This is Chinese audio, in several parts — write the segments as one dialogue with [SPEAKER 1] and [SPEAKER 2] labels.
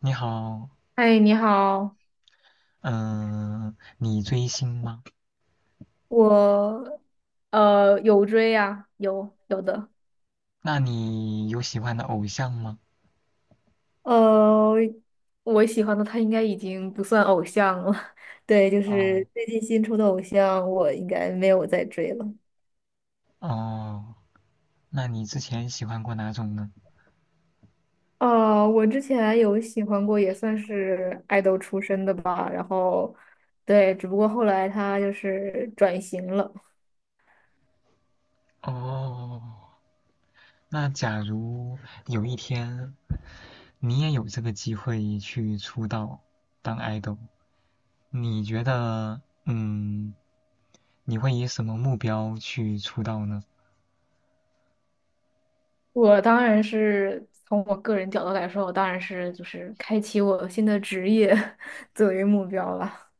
[SPEAKER 1] 你好，
[SPEAKER 2] 嗨，你好，
[SPEAKER 1] 嗯、你追星吗？
[SPEAKER 2] 我有追呀、有的，
[SPEAKER 1] 那你有喜欢的偶像吗？
[SPEAKER 2] 呃，我喜欢的他应该已经不算偶像了，对，就
[SPEAKER 1] 哦
[SPEAKER 2] 是最近新出的偶像，我应该没有再追了。
[SPEAKER 1] 哦，那你之前喜欢过哪种呢？
[SPEAKER 2] 我之前有喜欢过，也算是爱豆出身的吧，然后，对，只不过后来他就是转型了。
[SPEAKER 1] 哦，那假如有一天你也有这个机会去出道当 idol,你觉得，嗯，你会以什么目标去出道呢？
[SPEAKER 2] 我当然是从我个人角度来说，我当然是就是开启我新的职业 作为目标了。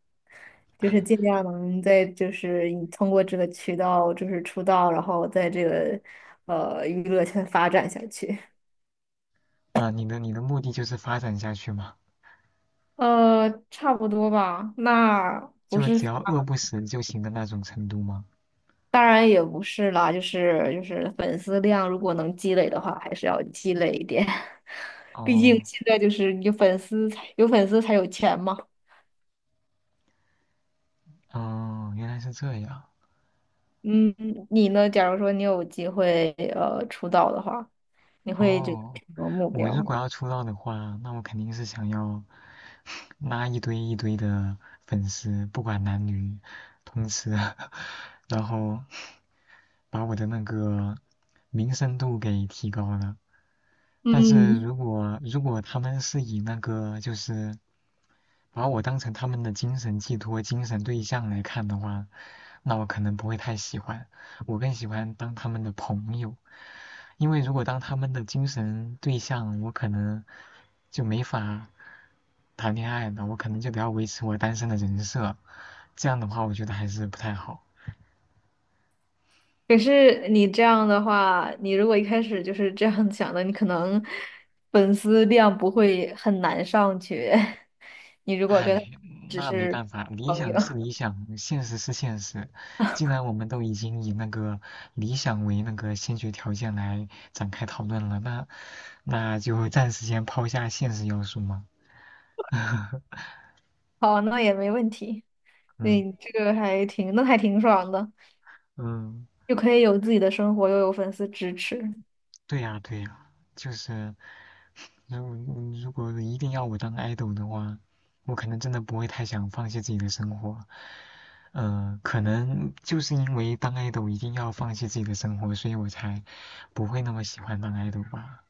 [SPEAKER 2] 就是尽量能在就是你通过这个渠道就是出道，然后在这个娱乐圈发展下去。
[SPEAKER 1] 啊、你的目的就是发展下去吗？
[SPEAKER 2] 差不多吧。那不
[SPEAKER 1] 就
[SPEAKER 2] 是，
[SPEAKER 1] 只要饿不死就行的那种程度吗？
[SPEAKER 2] 当然也不是啦，就是粉丝量如果能积累的话，还是要积累一点。毕竟
[SPEAKER 1] 哦
[SPEAKER 2] 现在就是有粉丝才有钱嘛。
[SPEAKER 1] 哦，原来是这样。
[SPEAKER 2] 嗯，你呢？假如说你有机会出道的话，你会觉得
[SPEAKER 1] 哦，
[SPEAKER 2] 什么目
[SPEAKER 1] 我如
[SPEAKER 2] 标？
[SPEAKER 1] 果要出道的话，那我肯定是想要 拉一堆一堆的粉丝，不管男女，同时，然后把我的那个名声度给提高了。但是
[SPEAKER 2] 嗯。
[SPEAKER 1] 如果他们是以那个就是把我当成他们的精神寄托、精神对象来看的话，那我可能不会太喜欢，我更喜欢当他们的朋友。因为如果当他们的精神对象，我可能就没法谈恋爱了，我可能就得要维持我单身的人设，这样的话我觉得还是不太好。
[SPEAKER 2] 可是你这样的话，你如果一开始就是这样想的，你可能粉丝量不会很难上去。你如果
[SPEAKER 1] 唉，
[SPEAKER 2] 跟他只
[SPEAKER 1] 那没
[SPEAKER 2] 是
[SPEAKER 1] 办法，理
[SPEAKER 2] 朋友，
[SPEAKER 1] 想是理想，现实是现实。既然我们都已经以那个理想为那个先决条件来展开讨论了，那那就暂时先抛下现实要素嘛。
[SPEAKER 2] 好，那也没问题。
[SPEAKER 1] 嗯
[SPEAKER 2] 对，这个还挺，那还挺爽的，
[SPEAKER 1] 嗯，
[SPEAKER 2] 又可以有自己的生活，又有粉丝支持
[SPEAKER 1] 对呀对呀，就是。那我如果一定要我当 idol 的话，我可能真的不会太想放弃自己的生活。呃，可能就是因为当 idol 一定要放弃自己的生活，所以我才不会那么喜欢当 idol 吧。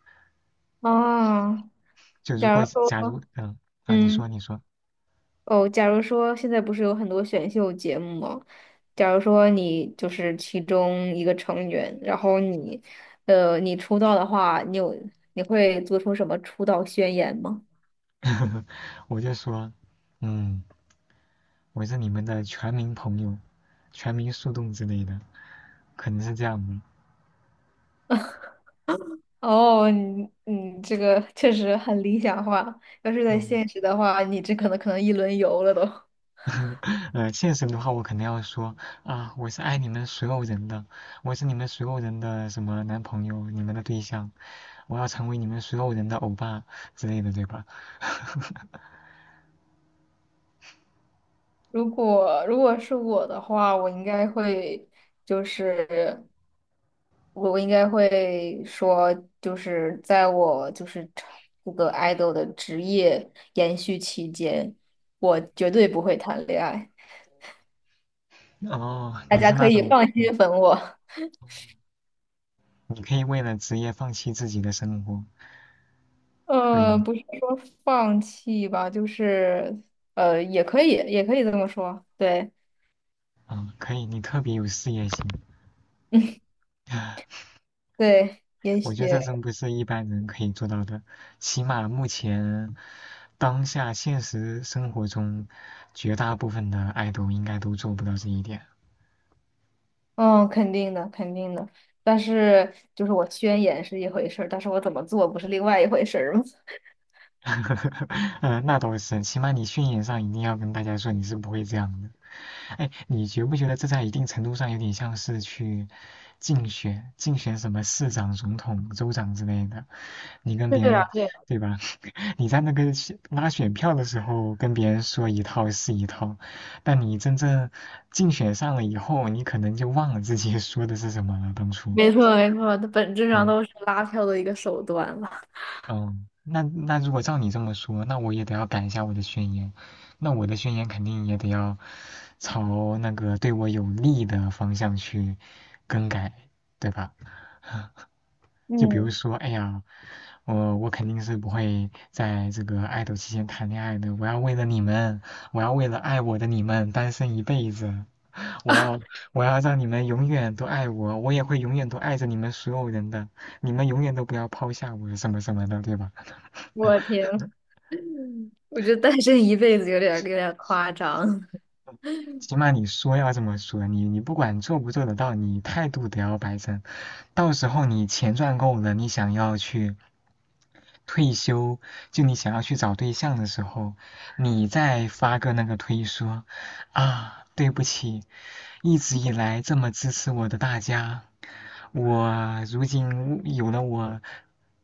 [SPEAKER 2] 啊。
[SPEAKER 1] 就如
[SPEAKER 2] 假
[SPEAKER 1] 果
[SPEAKER 2] 如说，
[SPEAKER 1] 假如，嗯、啊，你
[SPEAKER 2] 嗯。
[SPEAKER 1] 说你说，
[SPEAKER 2] 哦，假如说现在不是有很多选秀节目吗？假如说你就是其中一个成员，然后你出道的话，你会做出什么出道宣言吗？
[SPEAKER 1] 我就说，嗯，我是你们的全民朋友，全民树洞之类的，可能是这样的。
[SPEAKER 2] 哦，你这个确实很理想化。要是在
[SPEAKER 1] 嗯。
[SPEAKER 2] 现实的话，你这可能一轮游了都。
[SPEAKER 1] 呃，现实的话，我肯定要说啊，我是爱你们所有人的，我是你们所有人的什么男朋友，你们的对象，我要成为你们所有人的欧巴之类的，对吧？
[SPEAKER 2] 如果是我的话，就是。我应该会说，就是在我就是这个 idol 的职业延续期间，我绝对不会谈恋爱，
[SPEAKER 1] 哦，
[SPEAKER 2] 大
[SPEAKER 1] 你
[SPEAKER 2] 家
[SPEAKER 1] 是
[SPEAKER 2] 可
[SPEAKER 1] 那
[SPEAKER 2] 以
[SPEAKER 1] 种，
[SPEAKER 2] 放
[SPEAKER 1] 嗯
[SPEAKER 2] 心粉我。
[SPEAKER 1] 你你可以为了职业放弃自己的生活，可以，
[SPEAKER 2] 不是说放弃吧，就是也可以，也可以这么说，对。
[SPEAKER 1] 啊，可以，你特别有事业心。
[SPEAKER 2] 对，也
[SPEAKER 1] 我
[SPEAKER 2] 许，
[SPEAKER 1] 觉得这真不是一般人可以做到的，起码目前当下现实生活中，绝大部分的爱豆应该都做不到这一点。
[SPEAKER 2] 嗯，肯定的，肯定的。但是，就是我宣言是一回事儿，但是我怎么做不是另外一回事儿吗？
[SPEAKER 1] 嗯那倒是，起码你训练上一定要跟大家说你是不会这样的。哎，你觉不觉得这在一定程度上有点像是去竞选什么市长、总统、州长之类的？你跟 别
[SPEAKER 2] 对
[SPEAKER 1] 人，
[SPEAKER 2] 啊，对啊
[SPEAKER 1] 对吧？你在那个选拉选票的时候跟别人说一套是一套，但你真正竞选上了以后，你可能就忘了自己说的是什么了，当初。
[SPEAKER 2] 没错没错，它本质上
[SPEAKER 1] 嗯
[SPEAKER 2] 都是拉票的一个手段了。
[SPEAKER 1] 嗯，那那如果照你这么说，那我也得要改一下我的宣言，那我的宣言肯定也得要朝那个对我有利的方向去更改，对吧？就比如
[SPEAKER 2] 嗯，
[SPEAKER 1] 说，哎呀，我肯定是不会在这个爱豆期间谈恋爱的，我要为了你们，我要为了爱我的你们单身一辈子，我要我要让你们永远都爱我，我也会永远都爱着你们所有人的，你们永远都不要抛下我什么什么的，对吧？
[SPEAKER 2] 我天，我觉得单身一辈子有点夸张，
[SPEAKER 1] 起码你说要这么说，你你不管做不做得到，你态度得要摆正。到时候你钱赚够了，你想要去退休，就你想要去找对象的时候，你再发个那个推说啊，对不起，一直以来这么支持我的大家，我如今有了我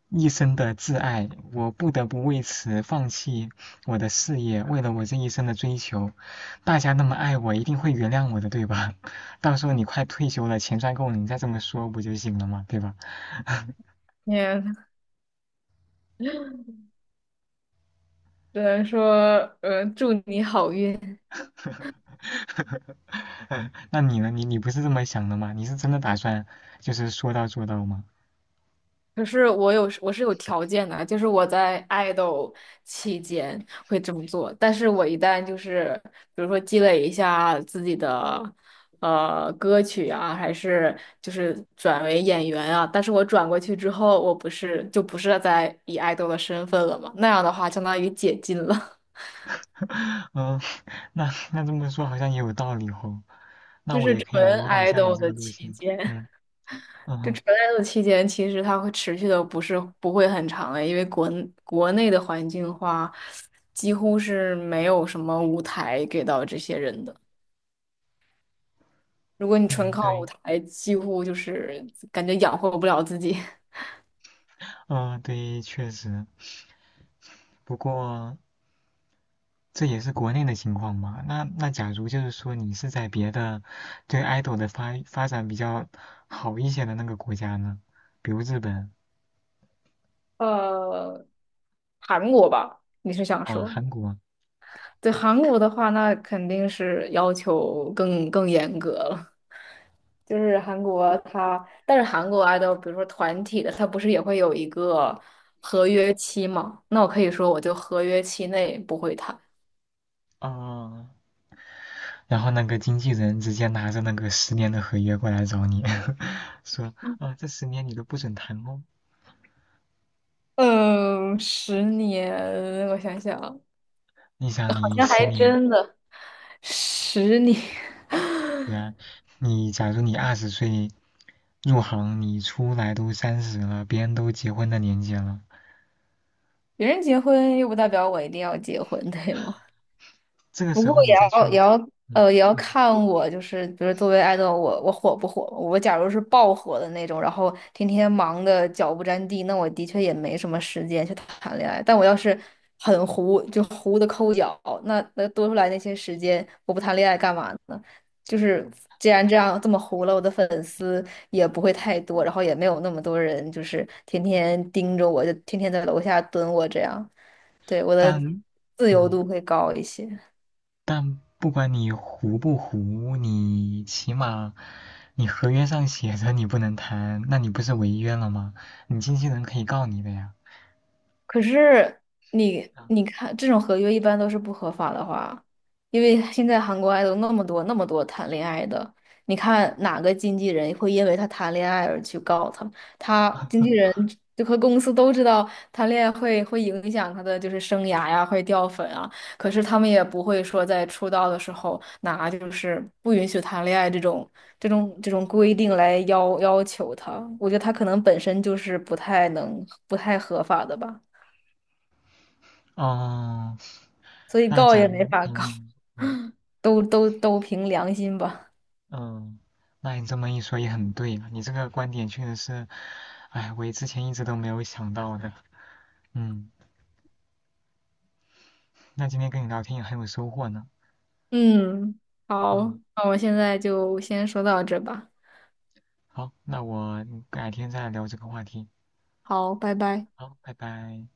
[SPEAKER 1] 一生的挚爱，我不得不为此放弃我的事业，为了我这一生的追求。大家那么爱我，一定会原谅我的，对吧？到时候你快退休了，钱赚够了，你再这么说不就行了嘛，对吧？
[SPEAKER 2] 也只能说，祝你好运。
[SPEAKER 1] 那你呢？你你不是这么想的吗？你是真的打算就是说到做到吗？
[SPEAKER 2] 可是我是有条件的，就是我在爱豆期间会这么做，但是我一旦就是比如说积累一下自己的歌曲啊，还是就是转为演员啊，但是我转过去之后，我不是就不是在以爱豆的身份了嘛，那样的话相当于解禁了，
[SPEAKER 1] 嗯，那那这么说好像也有道理哦。那
[SPEAKER 2] 就
[SPEAKER 1] 我
[SPEAKER 2] 是
[SPEAKER 1] 也可以
[SPEAKER 2] 纯
[SPEAKER 1] 模仿一
[SPEAKER 2] 爱
[SPEAKER 1] 下你
[SPEAKER 2] 豆
[SPEAKER 1] 这个
[SPEAKER 2] 的
[SPEAKER 1] 路
[SPEAKER 2] 期
[SPEAKER 1] 线。
[SPEAKER 2] 间。
[SPEAKER 1] 嗯
[SPEAKER 2] 这
[SPEAKER 1] 嗯
[SPEAKER 2] 存在的期间，其实它会持续的不会很长的，因为国内的环境的话，几乎是没有什么舞台给到这些人的。如果你纯
[SPEAKER 1] 嗯，
[SPEAKER 2] 靠舞
[SPEAKER 1] 对。
[SPEAKER 2] 台，几乎就是感觉养活不了自己。
[SPEAKER 1] 嗯，对，确实。不过这也是国内的情况嘛。那那假如就是说你是在别的对 idol 的发展比较好一些的那个国家呢，比如日本
[SPEAKER 2] 呃，韩国吧，你是想
[SPEAKER 1] 啊、
[SPEAKER 2] 说？
[SPEAKER 1] 韩国
[SPEAKER 2] 对，韩国的话，那肯定是要求更严格了。就是韩国他，但是韩国 idol，比如说团体的，他不是也会有一个合约期吗？那我可以说，我就合约期内不会谈。
[SPEAKER 1] 啊，然后那个经纪人直接拿着那个十年的合约过来找你，说啊、这10年你都不准谈哦。
[SPEAKER 2] 嗯，十年，我想想，
[SPEAKER 1] 你想
[SPEAKER 2] 好
[SPEAKER 1] 你
[SPEAKER 2] 像
[SPEAKER 1] 十
[SPEAKER 2] 还
[SPEAKER 1] 年，
[SPEAKER 2] 真的。十年，
[SPEAKER 1] 对啊，你假如你20岁入行，你出来都30了，别人都结婚的年纪了。
[SPEAKER 2] 别人结婚又不代表我一定要结婚，对吗？
[SPEAKER 1] 这个
[SPEAKER 2] 不
[SPEAKER 1] 时
[SPEAKER 2] 过
[SPEAKER 1] 候你
[SPEAKER 2] 也
[SPEAKER 1] 再
[SPEAKER 2] 要也
[SPEAKER 1] 去，
[SPEAKER 2] 要
[SPEAKER 1] 嗯
[SPEAKER 2] 呃也要
[SPEAKER 1] 嗯，
[SPEAKER 2] 看我，就是比如作为爱豆，我火不火？我假如是爆火的那种，然后天天忙的脚不沾地，那我的确也没什么时间去谈恋爱。但我要是很糊，就糊的抠脚，那多出来那些时间，我不谈恋爱干嘛呢？就是既然这样这么糊了，我的粉丝也不会太多，然后也没有那么多人，就是天天盯着我，就天天在楼下蹲我这样，对，我的
[SPEAKER 1] 但
[SPEAKER 2] 自由
[SPEAKER 1] 嗯
[SPEAKER 2] 度会高一些。
[SPEAKER 1] 不管你糊不糊，你起码你合约上写着你不能谈，那你不是违约了吗？你经纪人可以告你的呀。
[SPEAKER 2] 可是你看，这种合约一般都是不合法的话，因为现在韩国 idol 那么多谈恋爱的，你看哪个经纪人会因为他谈恋爱而去告他？他经纪人就和公司都知道谈恋爱会影响他的就是生涯呀，会掉粉啊。可是他们也不会说在出道的时候拿就是不允许谈恋爱这种规定来要求他。我觉得他可能本身就是不太合法的吧。
[SPEAKER 1] 哦，
[SPEAKER 2] 所以
[SPEAKER 1] 那
[SPEAKER 2] 告
[SPEAKER 1] 假
[SPEAKER 2] 也
[SPEAKER 1] 如
[SPEAKER 2] 没法告，
[SPEAKER 1] 嗯嗯
[SPEAKER 2] 都凭良心吧。
[SPEAKER 1] 嗯，那你这么一说也很对啊，你这个观点确实是，哎，我之前一直都没有想到的。嗯，那今天跟你聊天也很有收获呢。
[SPEAKER 2] 嗯，好，
[SPEAKER 1] 嗯。
[SPEAKER 2] 那我现在就先说到这吧。
[SPEAKER 1] 好，那我改天再聊这个话题。
[SPEAKER 2] 好，拜拜。
[SPEAKER 1] 好，拜拜。